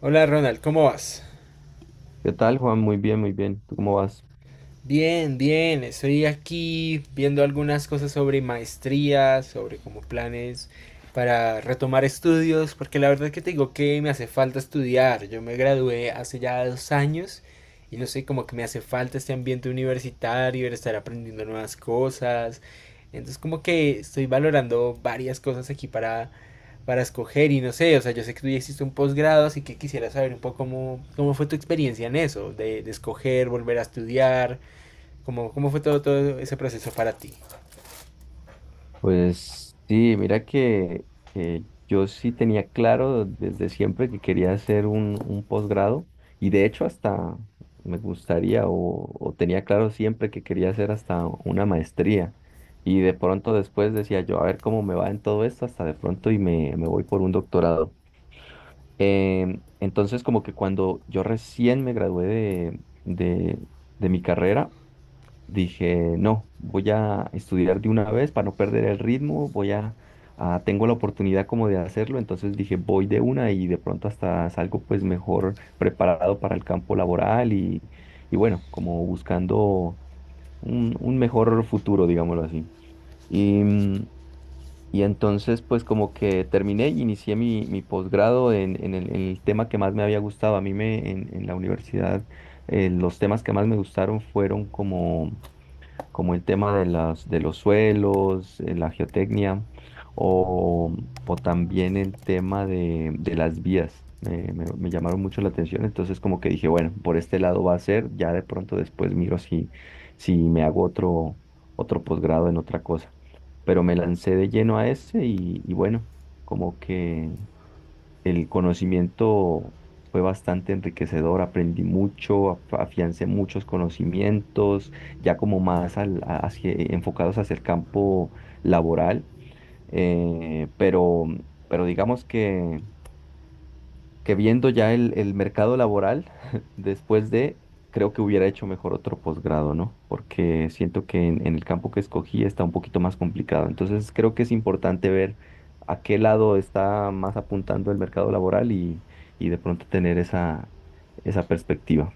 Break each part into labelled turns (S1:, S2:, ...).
S1: Hola Ronald, ¿cómo vas?
S2: ¿Qué tal, Juan? Muy bien, muy bien. ¿Tú cómo vas?
S1: Bien, bien, estoy aquí viendo algunas cosas sobre maestrías, sobre como planes para retomar estudios, porque la verdad que te digo que me hace falta estudiar. Yo me gradué hace ya 2 años y no sé, como que me hace falta este ambiente universitario, el estar aprendiendo nuevas cosas. Entonces como que estoy valorando varias cosas aquí para escoger y no sé, o sea, yo sé que tú ya hiciste un posgrado, así que quisiera saber un poco cómo, cómo fue tu experiencia en eso, de escoger, volver a estudiar. ¿Cómo, cómo fue todo, todo ese proceso para ti?
S2: Pues sí, mira que yo sí tenía claro desde siempre que quería hacer un posgrado y de hecho hasta me gustaría o tenía claro siempre que quería hacer hasta una maestría y de pronto después decía yo, a ver cómo me va en todo esto hasta de pronto y me voy por un doctorado. Entonces como que cuando yo recién me gradué de de mi carrera, dije, no, voy a estudiar de una vez para no perder el ritmo, tengo la oportunidad como de hacerlo, entonces dije, voy de una y de pronto hasta salgo pues mejor preparado para el campo laboral y bueno, como buscando un mejor futuro, digámoslo así. Y, mm, y entonces pues como que terminé y inicié mi posgrado en el tema que más me había gustado. A mí en la universidad, los temas que más me gustaron fueron como como el tema de de los suelos, la geotecnia, o, o también el tema de las vías. Me llamaron mucho la atención, entonces como que dije, bueno, por este lado va a ser, ya de pronto después miro si me hago otro posgrado en otra cosa. Pero me lancé de lleno a ese y bueno, como que el conocimiento fue bastante enriquecedor, aprendí mucho, afiancé muchos conocimientos, ya como más enfocados hacia el campo laboral, eh, pero, pero digamos que viendo ya el mercado laboral, después de, creo que hubiera hecho mejor otro posgrado, ¿no? Porque siento que en el campo que escogí está un poquito más complicado. Entonces creo que es importante ver a qué lado está más apuntando el mercado laboral y de pronto tener esa perspectiva.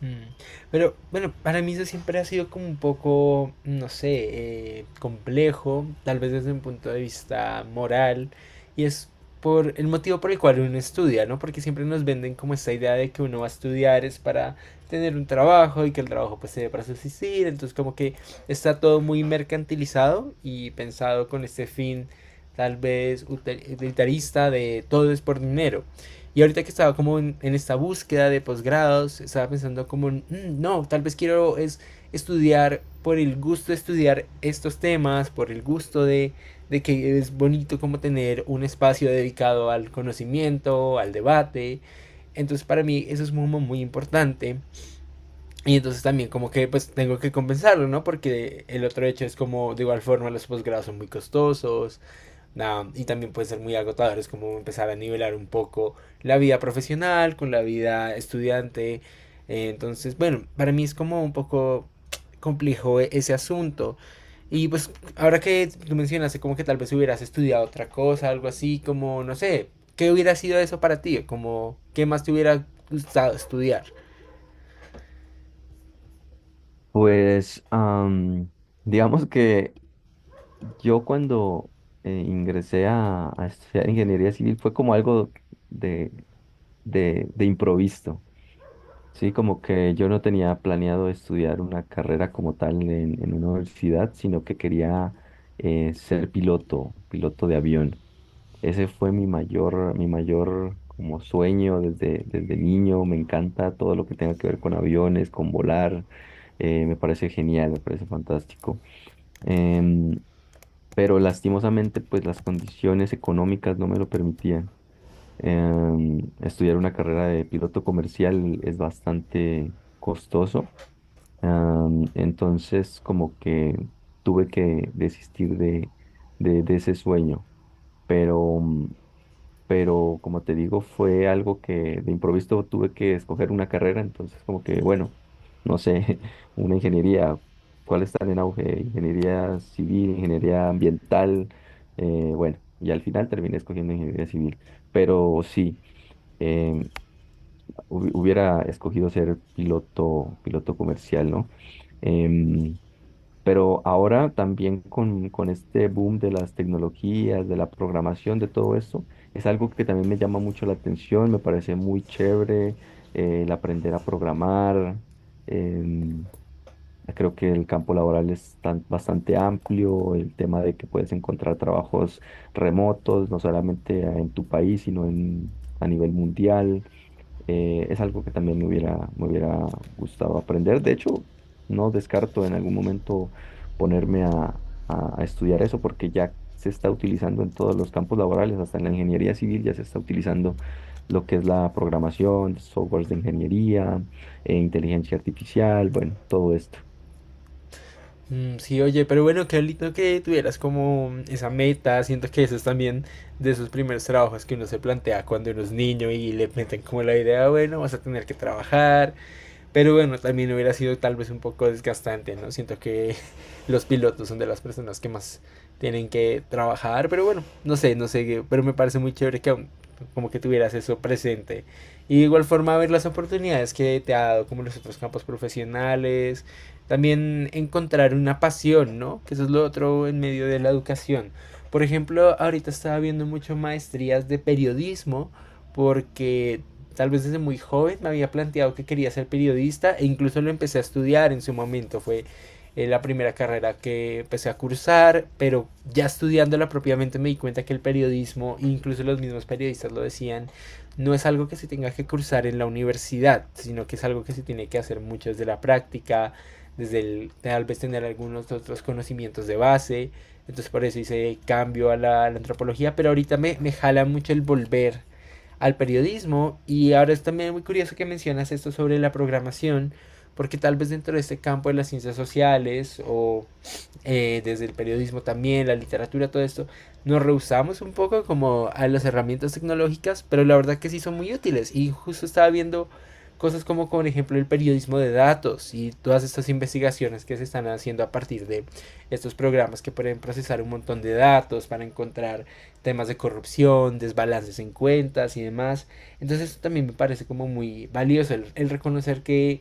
S1: Mm. Pero bueno, para mí eso siempre ha sido como un poco, no sé, complejo, tal vez desde un punto de vista moral, y es por el motivo por el cual uno estudia, ¿no? Porque siempre nos venden como esta idea de que uno va a estudiar es para tener un trabajo y que el trabajo pues se debe para subsistir, entonces como que está todo muy mercantilizado y pensado con este fin tal vez utilitarista de todo es por dinero. Y ahorita que estaba como en esta búsqueda de posgrados, estaba pensando como, no, tal vez quiero es estudiar por el gusto de estudiar estos temas, por el gusto de que es bonito como tener un espacio dedicado al conocimiento, al debate. Entonces para mí eso es muy, muy importante. Y entonces también como que pues tengo que compensarlo, ¿no? Porque el otro hecho es como de igual forma los posgrados son muy costosos. Nah, y también puede ser muy agotador, es como empezar a nivelar un poco la vida profesional con la vida estudiante. Entonces, bueno, para mí es como un poco complejo ese asunto. Y pues ahora que tú mencionaste como que tal vez hubieras estudiado otra cosa, algo así, como no sé, ¿qué hubiera sido eso para ti? Como, ¿qué más te hubiera gustado estudiar?
S2: Pues digamos que yo cuando ingresé a estudiar ingeniería civil fue como algo de, de improviso. Sí, como que yo no tenía planeado estudiar una carrera como tal en una universidad, sino que quería ser piloto, piloto de avión. Ese fue mi mayor como sueño desde, desde niño. Me encanta todo lo que tenga que ver con aviones, con volar. Me parece genial, me parece fantástico. Em, pero lastimosamente, pues las condiciones económicas no me lo permitían. Estudiar una carrera de piloto comercial es bastante costoso. Entonces, como que tuve que desistir de ese sueño. Pero, mm, pero, como te digo, fue algo que de improviso tuve que escoger una carrera. Entonces, como que, bueno, no sé, una ingeniería, ¿cuáles están en auge? Ingeniería civil, ingeniería ambiental. Bueno, y al final terminé escogiendo ingeniería civil. Pero sí em, hubiera escogido ser piloto, piloto comercial, ¿no? Em, pero ahora también con este boom de las tecnologías, de la programación, de todo esto, es algo que también me llama mucho la atención, me parece muy chévere el aprender a programar. em, Creo que el campo laboral es bastante amplio, el tema de que puedes encontrar trabajos remotos, no solamente en tu país, sino en, a nivel mundial. Es algo que también me hubiera gustado aprender. De hecho, no descarto en algún momento ponerme a estudiar eso porque ya se está utilizando en todos los campos laborales, hasta en la ingeniería civil ya se está utilizando lo que es la programación, softwares de ingeniería, inteligencia artificial, bueno, todo esto.
S1: Mm. Sí, oye, pero bueno, qué lindo que tuvieras como esa meta. Siento que eso es también de esos primeros trabajos que uno se plantea cuando uno es niño y le meten como la idea, "Ah, bueno, vas a tener que trabajar, pero bueno, también hubiera sido tal vez un poco desgastante, ¿no?" Siento que los pilotos son de las personas que más tienen que trabajar, pero bueno, no sé, no sé, pero me parece muy chévere que aún como que tuvieras eso presente. Y de igual forma ver las oportunidades que te ha dado como los otros campos profesionales, también encontrar una pasión, ¿no? Que eso es lo otro en medio de la educación. Por ejemplo, ahorita estaba viendo mucho maestrías de periodismo porque tal vez desde muy joven me había planteado que quería ser periodista e incluso lo empecé a estudiar en su momento, fue la primera carrera que empecé a cursar, pero ya estudiándola propiamente me di cuenta que el periodismo, incluso los mismos periodistas lo decían, no es algo que se tenga que cursar en la universidad, sino que es algo que se tiene que hacer mucho desde la práctica, desde el, tal vez tener algunos otros conocimientos de base, entonces por eso hice cambio a a la antropología, pero ahorita me jala mucho el volver al periodismo y ahora es también muy curioso que mencionas esto sobre la programación porque tal vez dentro de este campo de las ciencias sociales o desde el periodismo también, la literatura, todo esto, nos rehusamos un poco como a las herramientas tecnológicas, pero la verdad que sí son muy útiles. Y justo estaba viendo cosas como, por ejemplo, el periodismo de datos y todas estas investigaciones que se están haciendo a partir de estos programas que pueden procesar un montón de datos para encontrar temas de corrupción, desbalances en cuentas y demás. Entonces eso también me parece como muy valioso el reconocer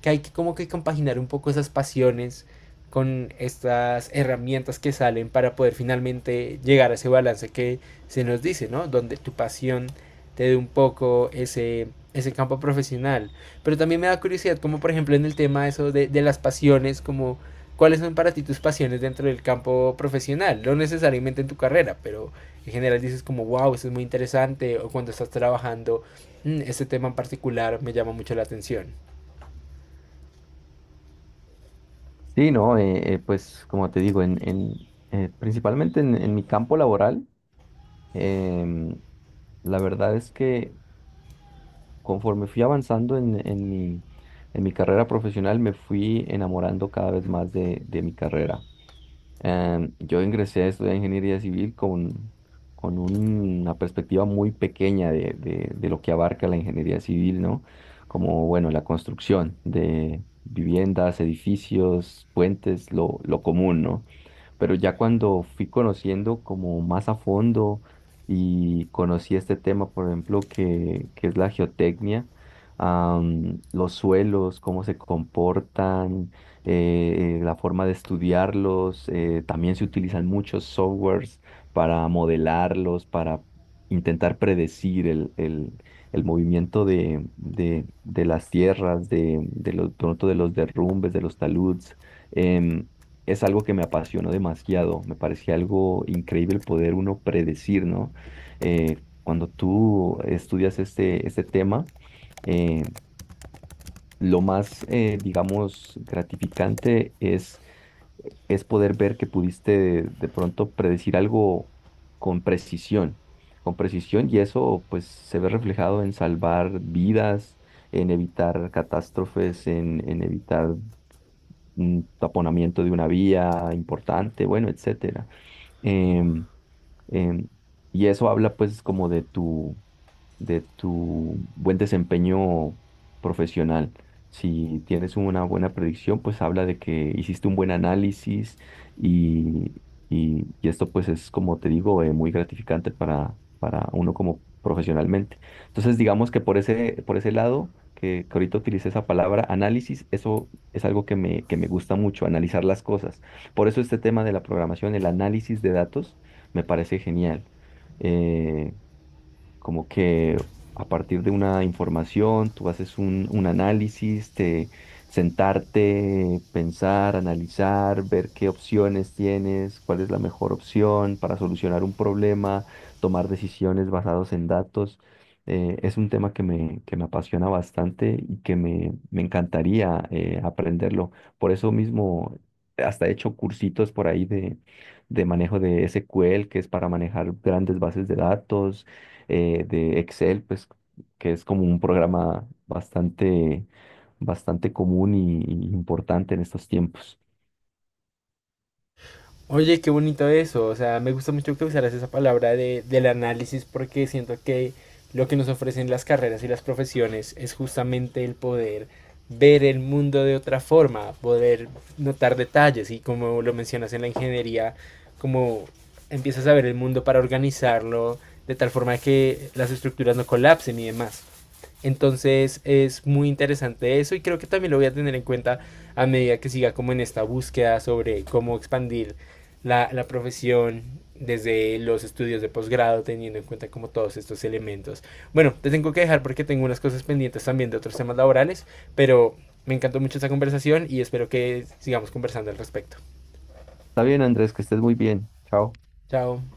S1: que hay que como que compaginar un poco esas pasiones con estas herramientas que salen para poder finalmente llegar a ese balance que se nos dice, ¿no? Donde tu pasión te dé un poco ese, ese campo profesional. Pero también me da curiosidad, como por ejemplo en el tema eso de las pasiones, como cuáles son para ti tus pasiones dentro del campo profesional, no necesariamente en tu carrera, pero en general dices como, wow, esto es muy interesante, o cuando estás trabajando, mmm, este tema en particular me llama mucho la atención.
S2: Sí, no, pues como te digo, principalmente en mi campo laboral, em, la verdad es que conforme fui avanzando en mi carrera profesional, me fui enamorando cada vez más de mi carrera. Yo ingresé a estudiar ingeniería civil con una perspectiva muy pequeña de, de lo que abarca la ingeniería civil, ¿no? Como, bueno, la construcción de viviendas, edificios, puentes, lo común, ¿no? Pero ya cuando fui conociendo como más a fondo y conocí este tema, por ejemplo, que es la geotecnia, los suelos, cómo se comportan, la forma de estudiarlos, también se utilizan muchos softwares para modelarlos, para intentar predecir el movimiento de las tierras, pronto de los derrumbes, de los taludes. em, es algo que me apasionó demasiado. Me parecía algo increíble el poder uno predecir, ¿no? Cuando tú estudias este tema, eh, lo más, digamos, gratificante es poder ver que pudiste de pronto predecir algo con precisión, con precisión, y eso pues se ve reflejado en salvar vidas, en evitar catástrofes, en evitar un taponamiento de una vía importante, bueno, etcétera. Em, em, y eso habla pues como de tu buen desempeño profesional. Si tienes una buena predicción, pues habla de que hiciste un buen análisis y, y esto pues es, como te digo, muy gratificante para uno como profesionalmente. Entonces, digamos que por ese lado, que ahorita utilicé esa palabra análisis, eso es algo que que me gusta mucho, analizar las cosas. Por eso este tema de la programación, el análisis de datos, me parece genial. Eh, Como que a partir de una información tú haces un análisis, te sentarte, pensar, analizar, ver qué opciones tienes, cuál es la mejor opción para solucionar un problema, tomar decisiones basadas en datos. Es un tema que que me apasiona bastante y que me encantaría aprenderlo. Por eso mismo, hasta he hecho cursitos por ahí de manejo de SQL, que es para manejar grandes bases de datos de Excel, pues que es como un programa bastante, bastante común y importante en estos tiempos.
S1: Oye, qué bonito eso. O sea, me gusta mucho que usaras esa palabra de, del análisis porque siento que lo que nos ofrecen las carreras y las profesiones es justamente el poder ver el mundo de otra forma, poder notar detalles y como lo mencionas en la ingeniería, como empiezas a ver el mundo para organizarlo de tal forma que las estructuras no colapsen y demás. Entonces es muy interesante eso y creo que también lo voy a tener en cuenta a medida que siga como en esta búsqueda sobre cómo expandir la profesión desde los estudios de posgrado, teniendo en cuenta como todos estos elementos. Bueno, te tengo que dejar porque tengo unas cosas pendientes también de otros temas laborales, pero me encantó mucho esta conversación y espero que sigamos conversando al respecto.
S2: Está bien, Andrés, que estés muy bien. Chao.
S1: Chao.